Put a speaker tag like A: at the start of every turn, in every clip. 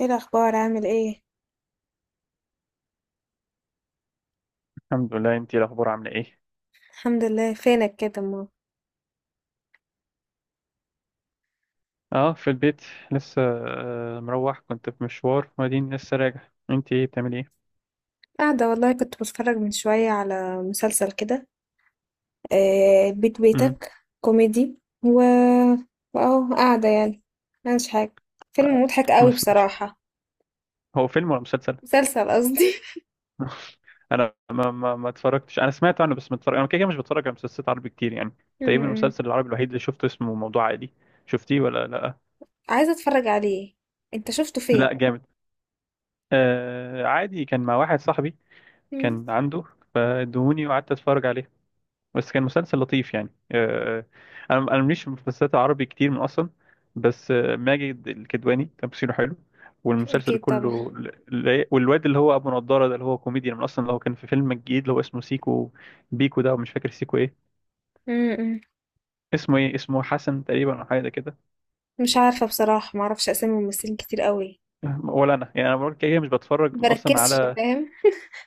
A: ايه الاخبار؟ عامل ايه؟
B: الحمد لله، انتي الاخبار عامله ايه؟
A: الحمد لله، فينك كده؟ ما
B: اه، في البيت لسه. مروح، كنت في مشوار وبعدين لسه راجع. انتي ايه بتعملي ايه؟
A: قاعده والله، كنت بتفرج من شويه على مسلسل كده. بيت
B: امم.
A: بيتك، كوميدي. و واهو قاعده يعني، مش حاجه. فيلم
B: آه،
A: مضحك
B: ما
A: قوي
B: سمعتش.
A: بصراحه.
B: هو فيلم ولا مسلسل؟
A: مسلسل قصدي.
B: انا ما اتفرجتش، انا سمعت عنه بس ما اتفرج، انا كده كده مش بتفرج على مسلسلات عربي كتير يعني. تقريبا
A: م-م.
B: المسلسل العربي الوحيد اللي شفته اسمه موضوع عادي. شفتيه ولا لا؟
A: عايزه اتفرج عليه. انت شفته
B: لا،
A: فين؟
B: جامد. آه عادي، كان مع واحد صاحبي
A: م.
B: كان عنده، فادوني وقعدت اتفرج عليه. بس كان مسلسل لطيف يعني. انا مليش في مسلسلات عربي كتير من اصلا. بس ماجد الكدواني تمثيله حلو، والمسلسل
A: اكيد طبعا.
B: كله والواد اللي هو ابو نضاره ده، اللي هو كوميديان من اصلا، اللي هو كان في فيلم الجديد اللي هو اسمه سيكو بيكو ده، ومش فاكر سيكو ايه.
A: م-م.
B: اسمه ايه؟ اسمه حسن تقريبا، او حاجه زي كده.
A: مش عارفه بصراحه، ما اعرفش اسامي ممثلين كتير قوي.
B: ولا انا يعني، انا بقول كده كده مش بتفرج من اصلا
A: بركزش
B: على.
A: فاهم،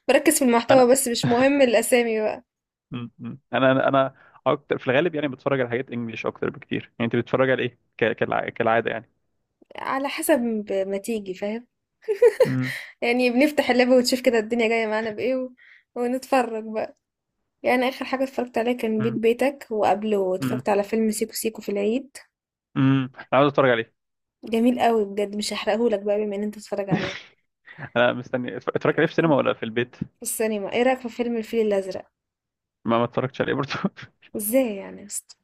A: بركز في
B: انا
A: المحتوى بس، مش مهم الاسامي بقى.
B: م- م. انا اكتر في الغالب يعني بتفرج على حاجات انجليش اكتر بكتير يعني. انت بتتفرج على ايه كالعاده يعني؟
A: على حسب ما تيجي فاهم.
B: م-
A: يعني بنفتح اللاب ونشوف كده الدنيا جاية معانا بإيه ونتفرج بقى. يعني آخر حاجة اتفرجت عليها كان بيت
B: م-
A: بيتك، وقبله
B: م.
A: اتفرجت على فيلم سيكو سيكو في العيد.
B: امم، انا عاوز اتفرج عليه.
A: جميل قوي بجد، مش هحرقهولك بقى بما ان انت تتفرج عليه
B: انا مستني. اتفرجت عليه في السينما ولا في البيت؟
A: في السينما. ايه رأيك في فيلم الفيل الأزرق؟
B: ما اتفرجتش عليه برضه
A: ازاي يعني يا اسطى؟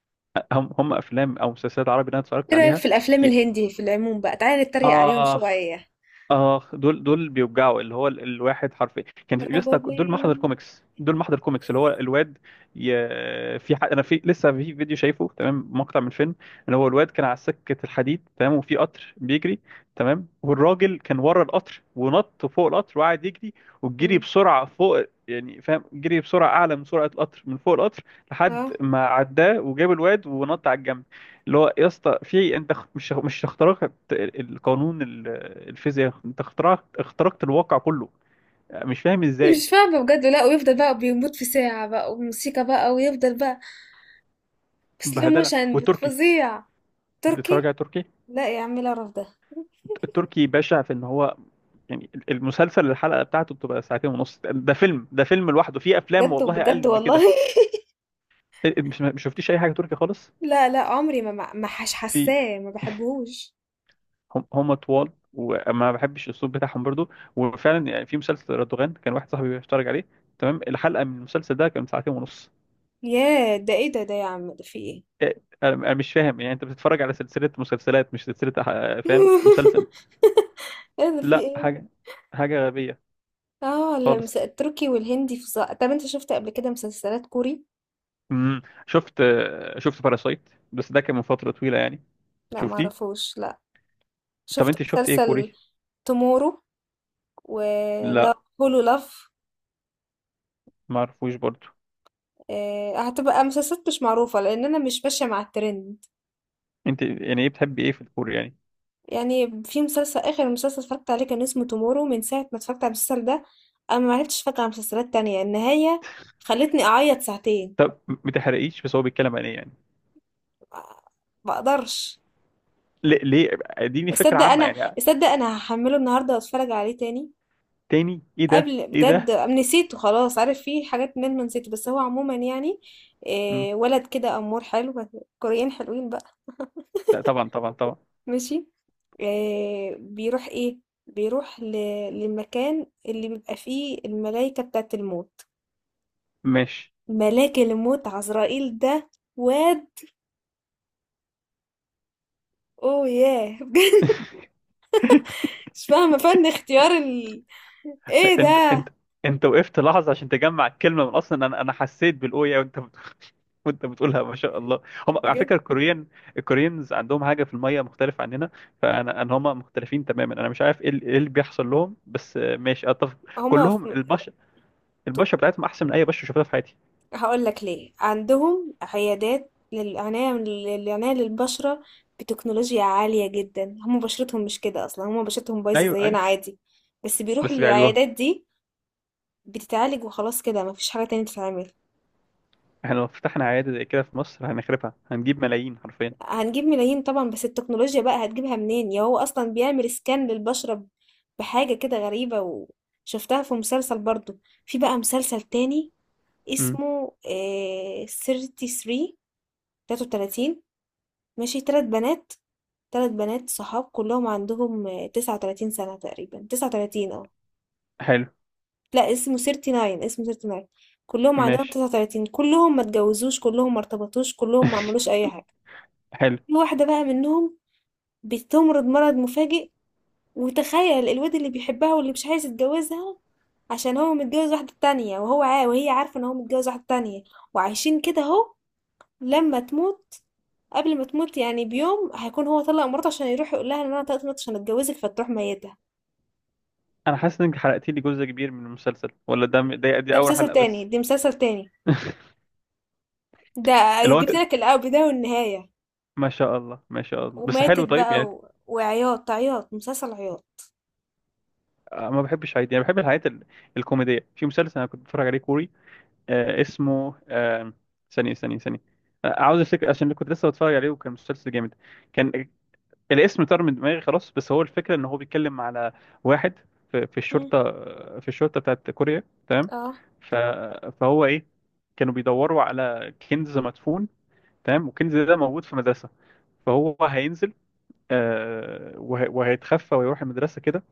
B: هم افلام او مسلسلات عربي اللي انا اتفرجت
A: ايه رأيك
B: عليها.
A: في الأفلام
B: ي...
A: الهندي في العموم؟ بقى تعالى نتريق عليهم
B: اخ،
A: شوية.
B: اه، دول دول بيوجعوا، اللي هو الواحد حرفيا، كان في يسطا. دول
A: ربابين.
B: محضر كوميكس، دول محضر كوميكس، اللي هو الواد. ي... في انا في لسه في فيديو شايفه، تمام، مقطع من فيلم ان هو الواد كان على سكه الحديد، تمام، وفي قطر بيجري، تمام، والراجل كان ورا القطر ونط فوق القطر وقعد يجري، والجري
A: مم.
B: بسرعه فوق، يعني فاهم، جري بسرعه اعلى من سرعه القطر، من فوق القطر لحد
A: اه،
B: ما عداه وجاب الواد ونط على الجنب. اللي هو يا اسطى، في انت مش اخترقت القانون الفيزياء، انت اخترقت الواقع كله. مش فاهم ازاي.
A: مش فاهمة بجد لا، ويفضل بقى بيموت في ساعة بقى وموسيقى بقى ويفضل بقى سلو
B: بهدله.
A: موشن
B: والتركي،
A: فظيع.
B: بتتفرج
A: تركي؟
B: على تركي؟
A: لا يا عم، لا رف ده.
B: التركي بشع في ان هو يعني المسلسل الحلقه بتاعته بتبقى ساعتين ونص، ده فيلم، ده فيلم لوحده. في افلام
A: بجد
B: والله
A: بجد
B: اقل من
A: والله.
B: كده. مش ما شفتيش اي حاجه تركي خالص؟
A: لا لا، عمري ما حش
B: في
A: حاساه، ما بحبهوش.
B: هم طوال وما بحبش الاسلوب بتاعهم برضو. وفعلا يعني في مسلسل رادوغان، كان واحد صاحبي بيتفرج عليه، تمام. الحلقه من المسلسل ده كانت ساعتين ونص.
A: ياه، ده ايه ده يا عم، ده في ايه؟
B: انا مش فاهم يعني، انت بتتفرج على سلسله مسلسلات مش سلسله فاهم، مسلسل.
A: ايه ده؟ في
B: لا،
A: ايه؟
B: حاجه، حاجه غبيه
A: اه، اللمس
B: خالص.
A: التركي والهندي فظاع. طب انت شفت قبل كده مسلسلات كوري؟
B: امم. شفت شفت باراسايت، بس ده كان من فتره طويله يعني.
A: لا، ما
B: شفتيه؟
A: اعرفوش لا.
B: طب
A: شفت
B: انت شفت ايه
A: مسلسل
B: كوري؟
A: تومورو؟ ولا
B: لا،
A: هولو لاف؟
B: ما اعرفوش برضو.
A: هتبقى مسلسلات مش معروفة لأن أنا مش ماشية مع الترند.
B: انت يعني ايه بتحبي ايه في الكوري يعني؟
A: يعني في مسلسل، اخر مسلسل اتفرجت عليه كان اسمه تومورو، من ساعه ما اتفرجت على المسلسل ده انا ما عرفتش اتفرج على مسلسلات تانية. النهايه خلتني اعيط ساعتين.
B: طب، ما تحرقيش، بس هو بيتكلم عن ايه يعني؟
A: ما ما اقدرش
B: ليه ليه، اديني فكره
A: اصدق.
B: عامه
A: انا
B: يعني.
A: اصدق، انا هحمله النهارده واتفرج عليه تاني.
B: تاني، ايه ده
A: قبل
B: ايه
A: بجد،
B: ده؟
A: نسيته خلاص. عارف في حاجات من ما نسيته، بس هو عموما يعني
B: مم.
A: إيه، ولد كده امور حلو. كوريين حلوين بقى.
B: لا، طبعا طبعا طبعا.
A: ماشي. إيه بيروح ايه؟ بيروح للمكان اللي بيبقى فيه الملايكة بتاعت الموت.
B: ماشي.
A: ملاك الموت عزرائيل ده. واد. اوه ياه بجد. مش فاهمة فن اختيار ايه
B: انت
A: ده؟
B: انت وقفت لحظه عشان تجمع الكلمه من اصلا، انا حسيت بالاويه، وانت وانت بتقولها ما شاء الله. هم، على
A: بجد.
B: فكره الكوريين، الكوريينز عندهم حاجه في الميه مختلفه عننا. فانا ان هم مختلفين تماما. انا مش عارف ايه ايه اللي بيحصل لهم، بس ماشي، اتفق.
A: هما
B: كلهم
A: في...
B: البشره،
A: طب
B: البشره بتاعتهم احسن من اي بشره شفتها في حياتي.
A: هقول لك ليه عندهم عيادات للعناية للبشرة بتكنولوجيا عالية جدا. هما بشرتهم مش كده اصلا، هما بشرتهم بايظة
B: ايوه،
A: زينا
B: ايوه.
A: عادي، بس بيروحوا
B: بس بيعالجوها.
A: للعيادات دي، بتتعالج وخلاص، كده مفيش حاجة تانية تتعمل.
B: احنا لو فتحنا عياده زي كده في مصر هنخربها، هنجيب ملايين حرفيا.
A: هنجيب ملايين طبعا، بس التكنولوجيا بقى هتجيبها منين؟ يا هو اصلا بيعمل سكان للبشرة بحاجة كده غريبة. وشفتها في مسلسل برضو. في بقى مسلسل تاني
B: امم.
A: اسمه 33. 33، ماشي. تلات بنات، تلات بنات صحاب، كلهم عندهم 39 سنة تقريبا، 39، اه
B: حلو.
A: لا، اسمه 39، اسمه 39. كلهم عندهم
B: ماشي.
A: 39، كلهم ما اتجوزوش، كلهم ما ارتبطوش، كلهم ما عملوش اي حاجة.
B: حلو.
A: في واحدة بقى منهم بتمرض مرض مفاجئ. وتخيل الواد اللي بيحبها واللي مش عايز يتجوزها عشان هو متجوز واحدة تانية، وهو عا وهي عارفة ان هو متجوز واحدة تانية، وعايشين كده اهو. لما تموت، قبل ما تموت يعني بيوم، هيكون هو طلق مراته عشان يروح يقول لها ان انا طلقت مراتي عشان اتجوزك، فتروح ميتها.
B: انا حاسس انك حرقت لي جزء كبير من المسلسل، ولا ده ده دي
A: ده
B: اول
A: مسلسل
B: حلقه
A: تاني،
B: بس؟
A: دي مسلسل تاني. ده
B: اللي هو
A: جبت لك البداية والنهاية.
B: ما شاء الله، ما شاء الله، بس
A: وماتت
B: حلو طيب
A: بقى
B: يعني.
A: وعياط عياط، مسلسل عياط.
B: ما بحبش عادي يعني، بحب الحاجات الكوميدية. في مسلسل انا كنت بتفرج عليه كوري، اسمه ثانية ثانية ثانية، عاوز افتكر عشان كنت لسه بتفرج عليه وكان مسلسل جامد، كان. الاسم طار من دماغي خلاص، بس هو الفكرة ان هو بيتكلم على واحد في
A: مم.
B: الشرطة، في الشرطة بتاعت كوريا، تمام.
A: اه،
B: ف... فهو ايه، كانوا بيدوروا على كنز مدفون، تمام، والكنز ده موجود في مدرسة، فهو هينزل، وهيتخفى ويروح المدرسة كده.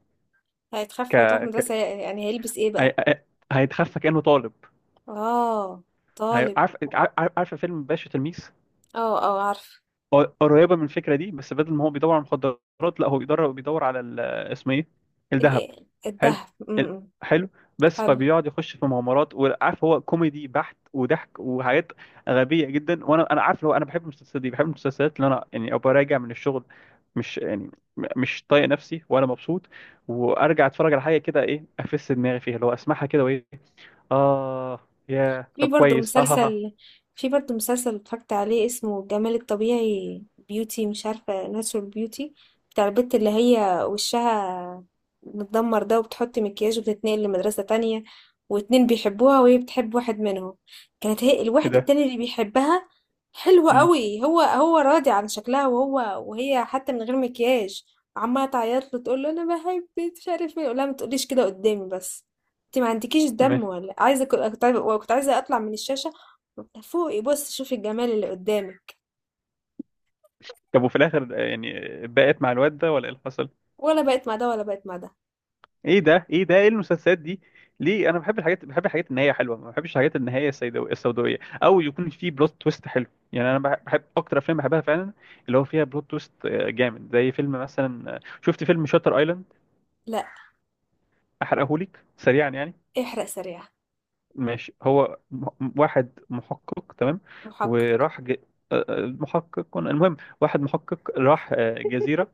B: ك...
A: هيتخفى يروح مدرسة.
B: ك...
A: يعني هيلبس ايه
B: هي-
A: بقى؟
B: هي- هيتخفى كأنه طالب.
A: اه، طالب.
B: عارف عارف عارف فيلم باشا تلميذ؟
A: اه اه، عارفة.
B: قريبه من الفكره دي، بس بدل ما هو بيدور على المخدرات، لا هو بيدور على اسمه ايه، الذهب. حلو.
A: الدهب.
B: ال-
A: إمم،
B: حلو. بس
A: حلو.
B: فبيقعد يخش في مغامرات، وعارف، هو كوميدي بحت، وضحك وحاجات غبيه جدا. وانا عارف لو انا بحب المسلسلات دي، بحب المسلسلات اللي انا يعني ابقى راجع من الشغل، مش يعني مش طايق نفسي ولا مبسوط، وارجع اتفرج على حاجه كده، ايه، افس دماغي فيها، اللي هو اسمعها كده وايه. اه، يا
A: في
B: طب،
A: برضه
B: كويس، ها ها ها.
A: مسلسل في برضه مسلسل اتفرجت عليه اسمه الجمال الطبيعي، بيوتي، مش عارفة، ناتشورال بيوتي. بتاع البت اللي هي وشها متدمر ده، وبتحط مكياج وبتتنقل لمدرسة تانية، واتنين بيحبوها وهي بتحب واحد منهم. كانت هي
B: ايه
A: الواحد
B: ده؟
A: التاني اللي بيحبها. حلوة قوي، هو راضي عن شكلها، وهي حتى من غير مكياج. عمالة تعيط له تقول له انا بحبك، مش عارف ايه، يقول لها ما تقوليش كده قدامي بس. انت ما عندكيش
B: مم.
A: دم، ولا عايزه، كنت كنت عايزه كنت عايزة اطلع من الشاشه فوقي، بص شوفي الجمال اللي قدامك.
B: طب وفي الاخر يعني، بقت مع الواد ده ولا ايه اللي حصل؟
A: ولا بقت مع ده، ولا بقت مع ده.
B: ايه ده ايه ده، ايه المسلسلات دي؟ ليه، انا بحب الحاجات، بحب الحاجات النهايه حلوه، ما بحبش الحاجات النهايه السوداويه، او يكون في بلوت تويست حلو يعني. انا بحب اكتر، افلام بحبها فعلا اللي هو فيها بلوت تويست جامد، زي فيلم مثلا، شفت فيلم شاتر ايلاند؟
A: لا،
B: احرقهولك سريعا يعني.
A: احرق سريع.
B: ماشي، هو واحد محقق، تمام.
A: محقق.
B: وراح ج... آه، آه، محقق، المهم، واحد محقق راح جزيره،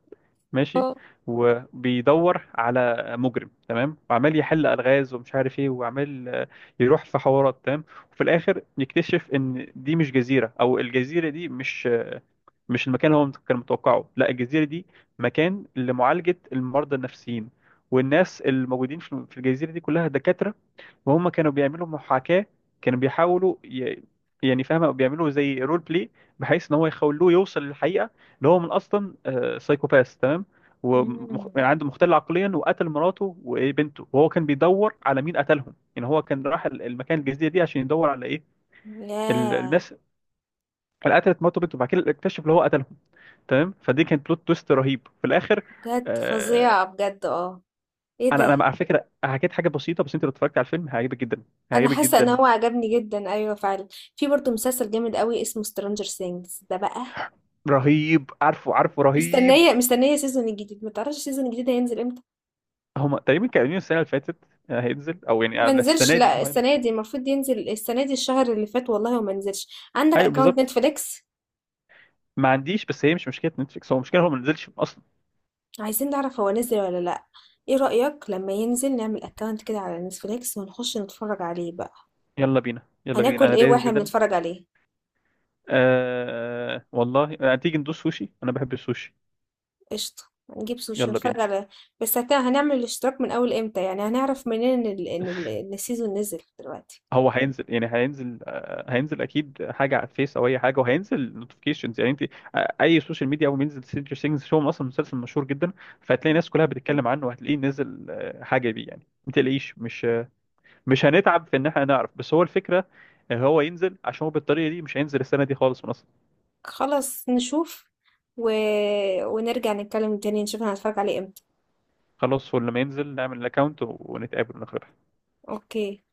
B: ماشي،
A: اه.
B: وبيدور على مجرم، تمام، وعمال يحل الغاز ومش عارف ايه، وعمال يروح في حوارات، تمام. وفي الاخر يكتشف ان دي مش جزيره، او الجزيره دي مش مش المكان اللي هو كان متوقعه. لا، الجزيره دي مكان لمعالجه المرضى النفسيين، والناس الموجودين في الجزيره دي كلها دكاتره، وهم كانوا بيعملوا محاكاة، كانوا بيحاولوا يعني فاهمة، بيعملوا زي رول بلاي، بحيث ان هو يخلوه يوصل للحقيقة، اللي هو من اصلا سايكوباث، تمام.
A: مم.
B: يعني عنده مختل عقليا، وقتل مراته وبنته، وهو كان بيدور على مين قتلهم. يعني هو كان راح المكان، الجزيرة دي، عشان يدور على ايه؟
A: ياه،
B: الناس اللي قتلت مراته وبنته. وبعد كده اكتشف اللي هو قتلهم، تمام. فدي كانت بلوت تويست رهيب في الاخر.
A: بجد
B: آه،
A: فظيعة بجد. اه، ايه
B: انا
A: ده؟
B: انا على فكره حكيت حاجه بسيطه، بس انت لو اتفرجت على الفيلم هيعجبك جدا،
A: انا
B: هيعجبك
A: حاسة ان
B: جدا.
A: هو عجبني جدا. ايوه فعلا. في برضه مسلسل جامد قوي اسمه سترانجر سينجز ده بقى.
B: رهيب، عارفه عارفه، رهيب.
A: مستنية سيزون الجديد. ما تعرفش السيزون الجديد هينزل امتى؟
B: هما تقريبا كانوا قايلين السنه اللي فاتت هينزل، او يعني
A: ما
B: على
A: نزلش
B: السنه دي
A: لا،
B: انه هينزل.
A: السنه دي المفروض ينزل، السنه دي الشهر اللي فات والله، وما نزلش. عندك
B: ايوه
A: اكونت
B: بالظبط.
A: نتفليكس؟
B: ما عنديش، بس هي مش مشكله نتفليكس، هو مشكله هو ما نزلش اصلا.
A: عايزين نعرف هو نزل ولا لا. ايه رأيك لما ينزل نعمل اكونت كده على نتفليكس ونخش نتفرج عليه بقى؟
B: يلا بينا، يلا بينا،
A: هناكل
B: انا
A: ايه
B: دايس
A: واحنا
B: جدا.
A: بنتفرج عليه؟
B: آه والله، تيجي ندوس سوشي، انا بحب السوشي.
A: قشطه. هنجيب سوشي
B: يلا
A: نتفرج
B: بينا.
A: على. هنعمل الاشتراك من اول امتى؟ يعني هنعرف منين إن السيزون نزل دلوقتي؟
B: هو هينزل، يعني هينزل هينزل اكيد، حاجه على الفيس او اي حاجه، وهينزل نوتيفيكيشنز، يعني انت اي سوشيال ميديا، اول ما ينزل سترينجر ثينجز هو اصلا مسلسل مشهور جدا، فهتلاقي الناس كلها بتتكلم عنه وهتلاقيه نزل حاجه بيه يعني، ما تقلقيش، مش هنتعب في ان احنا نعرف. بس هو الفكره هو ينزل. عشان هو بالطريقه دي مش هينزل السنه دي خالص من اصلا.
A: خلاص نشوف و... ونرجع نتكلم تاني نشوف هنتفرج عليه امتى.
B: خلاص، هو لما ينزل نعمل الاكونت ونتقابل ونخرج.
A: اوكي.